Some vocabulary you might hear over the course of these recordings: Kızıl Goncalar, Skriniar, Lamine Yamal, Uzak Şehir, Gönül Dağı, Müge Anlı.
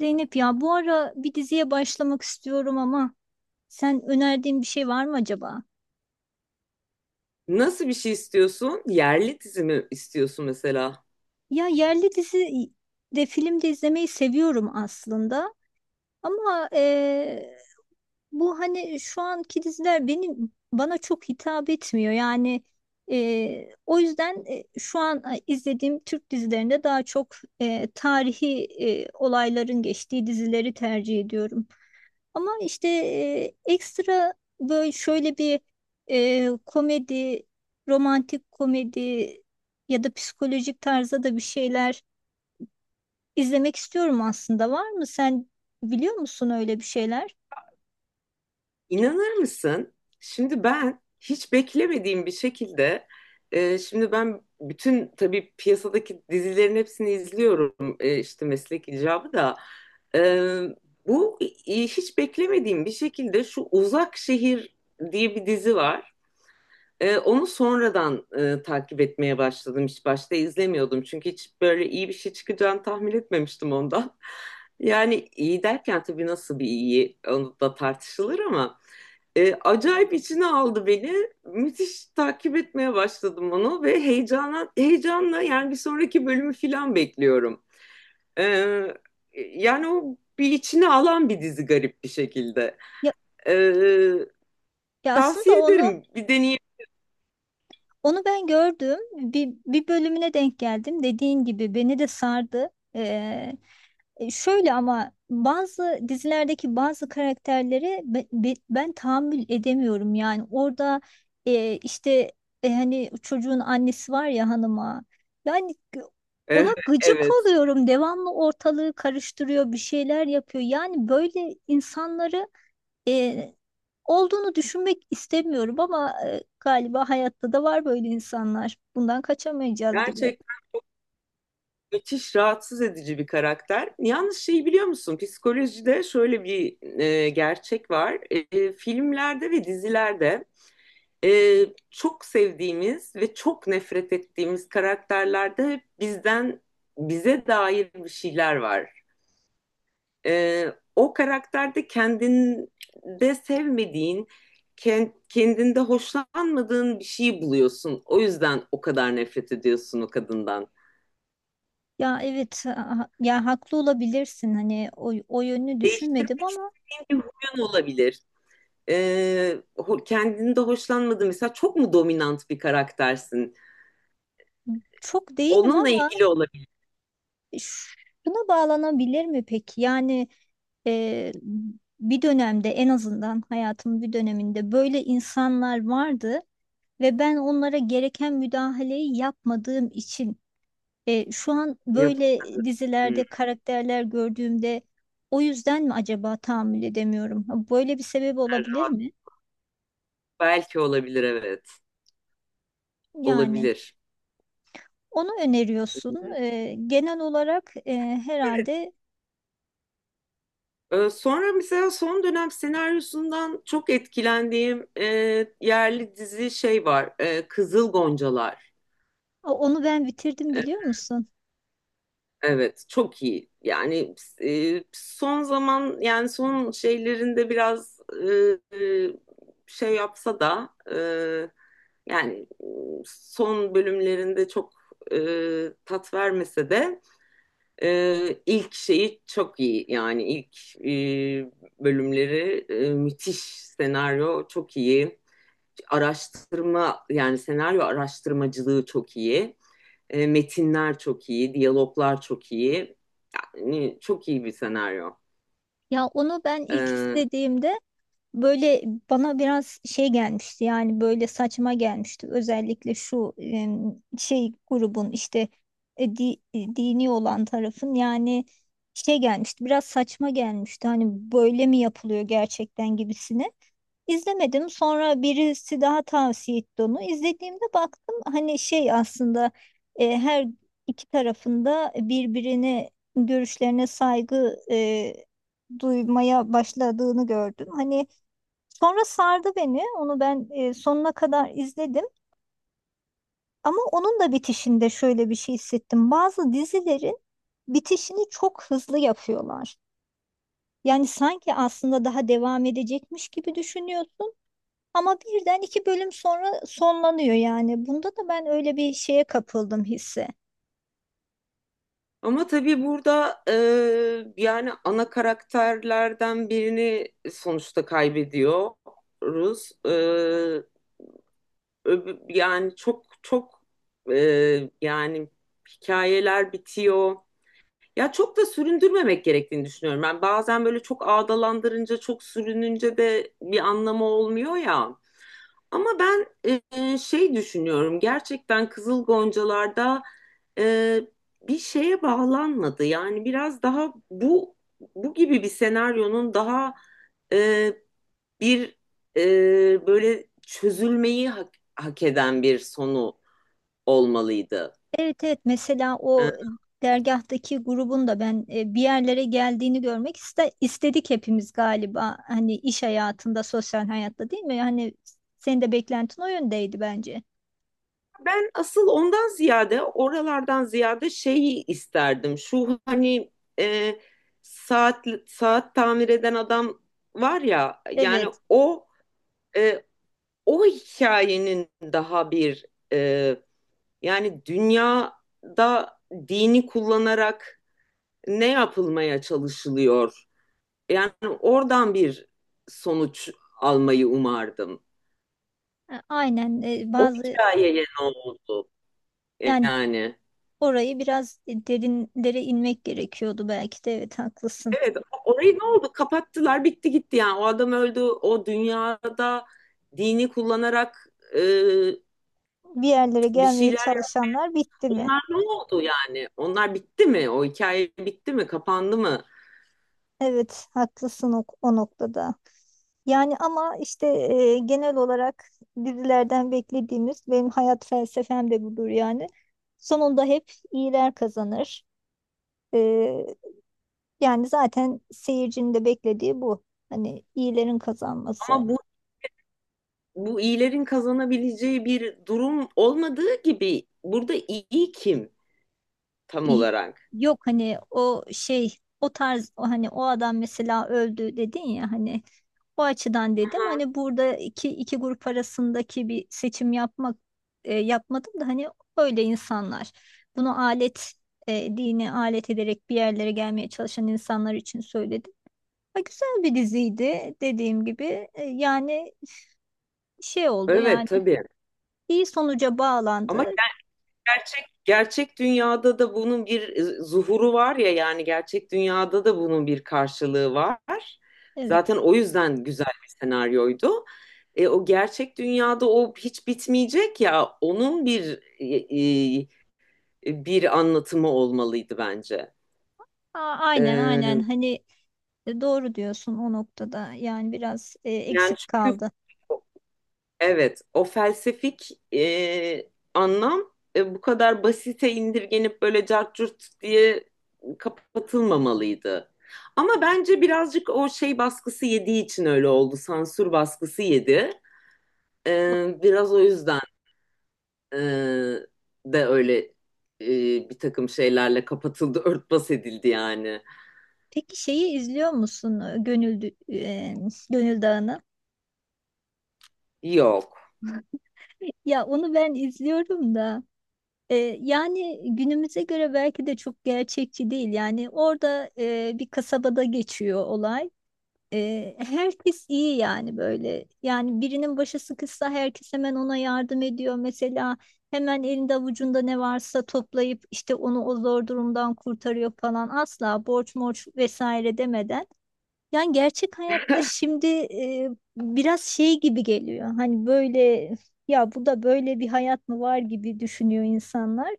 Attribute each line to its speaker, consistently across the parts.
Speaker 1: Zeynep ya bu ara bir diziye başlamak istiyorum ama sen önerdiğin bir şey var mı acaba?
Speaker 2: Nasıl bir şey istiyorsun? Yerli dizi mi istiyorsun mesela?
Speaker 1: Ya yerli dizi de film de izlemeyi seviyorum aslında ama bu hani şu anki diziler benim bana çok hitap etmiyor yani. O yüzden şu an izlediğim Türk dizilerinde daha çok tarihi olayların geçtiği dizileri tercih ediyorum. Ama işte ekstra böyle şöyle bir komedi, romantik komedi ya da psikolojik tarzda da bir şeyler izlemek istiyorum aslında. Var mı? Sen biliyor musun öyle bir şeyler?
Speaker 2: İnanır mısın? Şimdi ben hiç beklemediğim bir şekilde şimdi ben bütün tabii piyasadaki dizilerin hepsini izliyorum işte meslek icabı da. E, bu Hiç beklemediğim bir şekilde şu Uzak Şehir diye bir dizi var. Onu sonradan takip etmeye başladım. Hiç başta izlemiyordum. Çünkü hiç böyle iyi bir şey çıkacağını tahmin etmemiştim ondan. Yani iyi derken tabii nasıl bir iyi onu da tartışılır ama acayip içine aldı beni. Müthiş takip etmeye başladım onu ve heyecanla yani bir sonraki bölümü falan bekliyorum. Ee, Yani o bir içine alan bir dizi garip bir şekilde.
Speaker 1: Ya,
Speaker 2: Ee,
Speaker 1: ya aslında
Speaker 2: Tavsiye
Speaker 1: onu
Speaker 2: ederim, bir deneyin.
Speaker 1: Onu ben gördüm. Bir bölümüne denk geldim. Dediğin gibi beni de sardı. Şöyle ama bazı dizilerdeki bazı karakterleri ben tahammül edemiyorum yani orada, işte, hani çocuğun annesi var ya hanıma, yani g- ona
Speaker 2: Eh,
Speaker 1: gıcık
Speaker 2: Evet.
Speaker 1: oluyorum, devamlı ortalığı karıştırıyor, bir şeyler yapıyor. Yani böyle insanları e, olduğunu düşünmek istemiyorum ama galiba hayatta da var böyle insanlar, bundan kaçamayacağız gibi.
Speaker 2: Gerçekten müthiş rahatsız edici bir karakter. Yalnız şeyi biliyor musun? Psikolojide şöyle bir gerçek var. E, filmlerde ve dizilerde e, çok sevdiğimiz ve çok nefret ettiğimiz karakterlerde hep bizden bize dair bir şeyler var. E, o karakterde kendinde sevmediğin, kendinde hoşlanmadığın bir şeyi buluyorsun. O yüzden o kadar nefret ediyorsun o kadından.
Speaker 1: Ya evet, ya haklı olabilirsin, hani o yönünü düşünmedim
Speaker 2: Değiştirmek
Speaker 1: ama.
Speaker 2: senin bir huyun olabilir. Kendini de hoşlanmadığın, mesela çok mu dominant bir karaktersin?
Speaker 1: Çok değilim
Speaker 2: Onunla
Speaker 1: ama
Speaker 2: ilgili olabilir.
Speaker 1: şuna bağlanabilir mi peki? Yani e, bir dönemde, en azından hayatımın bir döneminde böyle insanlar vardı ve ben onlara gereken müdahaleyi yapmadığım için şu an böyle
Speaker 2: Yapamadım. Hmm, yani
Speaker 1: dizilerde karakterler gördüğümde o yüzden mi acaba tahammül edemiyorum? Ha, böyle bir sebep olabilir
Speaker 2: rahat.
Speaker 1: mi?
Speaker 2: Belki olabilir, evet.
Speaker 1: Yani.
Speaker 2: Olabilir.
Speaker 1: Onu öneriyorsun.
Speaker 2: Hmm.
Speaker 1: Genel olarak
Speaker 2: Evet.
Speaker 1: herhalde.
Speaker 2: Sonra mesela son dönem senaryosundan çok etkilendiğim yerli dizi şey var. Kızıl Goncalar.
Speaker 1: O- onu ben bitirdim biliyor musun?
Speaker 2: Evet, çok iyi. Yani son zaman, yani son şeylerinde biraz e, şey yapsa da, yani, son bölümlerinde çok e, tat vermese de, ilk şeyi çok iyi. Yani ilk e, bölümleri müthiş, senaryo çok iyi. Araştırma, yani senaryo araştırmacılığı çok iyi. E, metinler çok iyi, diyaloglar çok iyi. Yani çok iyi bir senaryo.
Speaker 1: Ya onu ben ilk
Speaker 2: Ee,
Speaker 1: izlediğimde böyle bana biraz şey gelmişti, yani böyle saçma gelmişti. Özellikle şu şey grubun, işte dini olan tarafın yani şey gelmişti. Biraz saçma gelmişti. Hani böyle mi yapılıyor gerçekten gibisine. İzlemedim. Sonra birisi daha tavsiye etti onu. İzlediğimde baktım hani şey aslında her iki tarafında birbirine, görüşlerine saygı duymaya başladığını gördüm. Hani. Sonra sardı beni. Onu ben sonuna kadar izledim. Ama onun da bitişinde şöyle bir şey hissettim. Bazı dizilerin bitişini çok hızlı yapıyorlar. Yani sanki aslında daha devam edecekmiş gibi düşünüyorsun. Ama birden iki bölüm sonra sonlanıyor yani. Bunda da ben öyle bir şeye kapıldım hisse.
Speaker 2: Ama tabii burada yani ana karakterlerden birini sonuçta kaybediyoruz. Yani çok çok e, yani hikayeler bitiyor. Ya çok da süründürmemek gerektiğini düşünüyorum. Ben bazen böyle çok ağdalandırınca, çok sürününce de bir anlamı olmuyor ya. Ama ben şey düşünüyorum, gerçekten Kızıl Goncalar'da e, bir şeye bağlanmadı. Yani biraz daha bu gibi bir senaryonun daha e, bir böyle çözülmeyi hak eden bir sonu olmalıydı.
Speaker 1: Evet evet, mesela
Speaker 2: E,
Speaker 1: o dergahtaki grubun da ben bir yerlere geldiğini görmek istedik hepimiz galiba. Hani iş hayatında, sosyal hayatta, değil mi? Hani senin de beklentin o yöndeydi bence.
Speaker 2: ben asıl ondan ziyade, oralardan ziyade şeyi isterdim. Şu hani e, saat saat tamir eden adam var ya, yani
Speaker 1: Evet.
Speaker 2: o. E, O hikayenin daha bir, e, yani dünyada dini kullanarak ne yapılmaya çalışılıyor? Yani oradan bir sonuç almayı umardım.
Speaker 1: Aynen,
Speaker 2: O
Speaker 1: bazı
Speaker 2: hikayeye ne oldu?
Speaker 1: yani
Speaker 2: Yani
Speaker 1: orayı biraz derinlere inmek gerekiyordu belki de, evet haklısın.
Speaker 2: evet, orayı, ne oldu? Kapattılar, bitti gitti yani. O adam öldü, o dünyada dini kullanarak e,
Speaker 1: Bir yerlere
Speaker 2: bir
Speaker 1: gelmeye
Speaker 2: şeyler,
Speaker 1: çalışanlar bitti mi?
Speaker 2: onlar ne oldu yani? Onlar bitti mi? O hikaye bitti mi? Kapandı mı?
Speaker 1: Evet, haklısın o noktada. Yani ama işte genel olarak dizilerden beklediğimiz, benim hayat felsefem de budur yani. Sonunda hep iyiler kazanır. E, Yani zaten seyircinin de beklediği bu. Hani iyilerin kazanması.
Speaker 2: Ama bu, bu iyilerin kazanabileceği bir durum olmadığı gibi, burada iyi kim tam
Speaker 1: Y-
Speaker 2: olarak?
Speaker 1: Yok hani o şey, o tarz, o hani o adam mesela öldü dedin ya, hani o açıdan dedim.
Speaker 2: Aha.
Speaker 1: Hani burada iki grup arasındaki bir seçim yapmak yapmadım da, hani öyle insanlar bunu alet, dini alet ederek bir yerlere gelmeye çalışan insanlar için söyledim. Ha, güzel bir diziydi dediğim gibi. Yani şey oldu
Speaker 2: Evet
Speaker 1: yani,
Speaker 2: tabii.
Speaker 1: iyi sonuca
Speaker 2: Ama
Speaker 1: bağlandı
Speaker 2: gerçek dünyada da bunun bir zuhuru var ya, yani gerçek dünyada da bunun bir karşılığı var.
Speaker 1: evet.
Speaker 2: Zaten o yüzden güzel bir senaryoydu. E, o gerçek dünyada o hiç bitmeyecek ya, onun bir bir anlatımı olmalıydı bence.
Speaker 1: Aa, aynen aynen,
Speaker 2: E,
Speaker 1: hani doğru diyorsun o noktada. Yani biraz
Speaker 2: Yani
Speaker 1: eksik
Speaker 2: çünkü
Speaker 1: kaldı.
Speaker 2: evet, o felsefik anlam bu kadar basite indirgenip böyle cart curt diye kapatılmamalıydı. Ama bence birazcık o şey baskısı yediği için öyle oldu. Sansür baskısı yedi.
Speaker 1: Bu-
Speaker 2: E, biraz o yüzden e, de öyle e, bir takım şeylerle kapatıldı, örtbas edildi yani.
Speaker 1: Peki şeyi izliyor musun, Gönül Dağı'nı?
Speaker 2: Yok.
Speaker 1: Ya onu ben izliyorum da yani günümüze göre belki de çok gerçekçi değil. Yani orada bir kasabada geçiyor olay. Herkes iyi yani böyle. Yani birinin başı sıkışsa herkes hemen ona yardım ediyor. Mesela hemen elinde avucunda ne varsa toplayıp işte onu o zor durumdan kurtarıyor falan. Asla borç morç vesaire demeden. Yani gerçek hayatta şimdi biraz şey gibi geliyor. Hani böyle ya, bu da böyle bir hayat mı var gibi düşünüyor insanlar.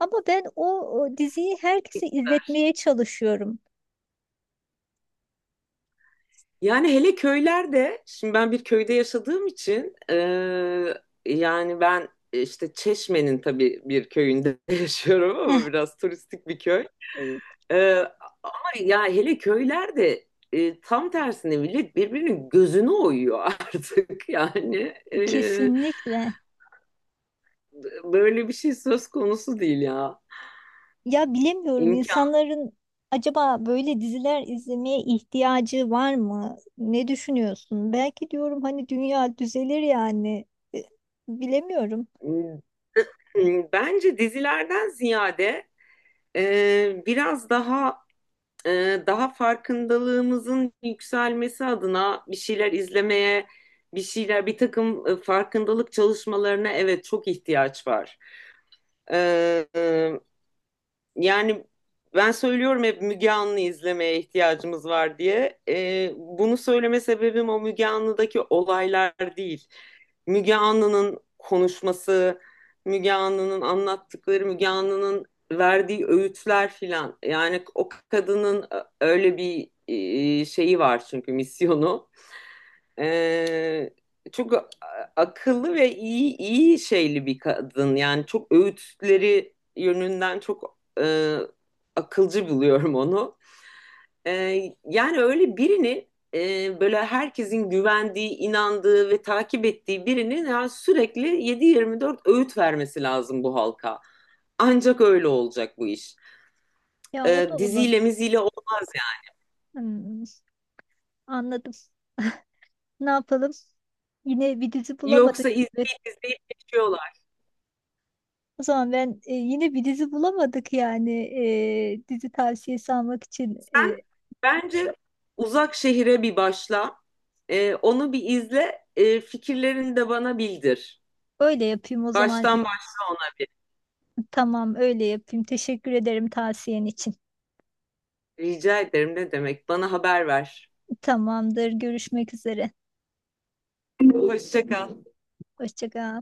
Speaker 1: Ama ben o diziyi herkese izletmeye çalışıyorum.
Speaker 2: Yani hele köylerde, şimdi ben bir köyde yaşadığım için yani ben işte Çeşme'nin tabii bir köyünde yaşıyorum, ama biraz turistik bir köy.
Speaker 1: Eh,
Speaker 2: Eee, Ama ya hele köylerde tam tersine millet birbirinin gözünü oyuyor artık yani,
Speaker 1: kesinlikle.
Speaker 2: böyle bir şey söz konusu değil ya.
Speaker 1: Ya bilemiyorum,
Speaker 2: İmkan.
Speaker 1: insanların acaba böyle diziler izlemeye ihtiyacı var mı? Ne düşünüyorsun? Belki diyorum hani dünya düzelir yani. E, Bilemiyorum.
Speaker 2: Bence dizilerden ziyade, biraz daha daha farkındalığımızın yükselmesi adına bir şeyler izlemeye, bir şeyler, bir takım farkındalık çalışmalarına evet çok ihtiyaç var. E, e, Yani ben söylüyorum hep, Müge Anlı izlemeye ihtiyacımız var diye. Bunu söyleme sebebim o Müge Anlı'daki olaylar değil. Müge Anlı'nın konuşması, Müge Anlı'nın anlattıkları, Müge Anlı'nın verdiği öğütler filan. Yani o kadının öyle bir şeyi var çünkü, misyonu. Ee, Çok akıllı ve iyi, iyi şeyli bir kadın. Yani çok, öğütleri yönünden çok akılcı buluyorum onu. Yani öyle birini, böyle herkesin güvendiği, inandığı ve takip ettiği birinin yani sürekli 7/24 öğüt vermesi lazım bu halka. Ancak öyle olacak bu iş.
Speaker 1: Ya o da
Speaker 2: Diziyle
Speaker 1: olabilir.
Speaker 2: miziyle olmaz yani.
Speaker 1: Hmm, anladım. Ne yapalım? Yine bir dizi bulamadık
Speaker 2: Yoksa
Speaker 1: gibi.
Speaker 2: izleyip izleyip geçiyorlar.
Speaker 1: O zaman ben, yine bir dizi bulamadık yani dizi tavsiyesi almak için.
Speaker 2: Ben Bence Uzak Şehir'e bir başla. Onu bir izle. Fikirlerini de bana bildir.
Speaker 1: Öyle yapayım o zaman.
Speaker 2: Baştan başla ona bir.
Speaker 1: Tamam öyle yapayım. Teşekkür ederim tavsiyen için.
Speaker 2: Rica ederim ne demek. Bana haber ver.
Speaker 1: Tamamdır. Görüşmek üzere.
Speaker 2: Hoşça kal.
Speaker 1: Hoşça kal.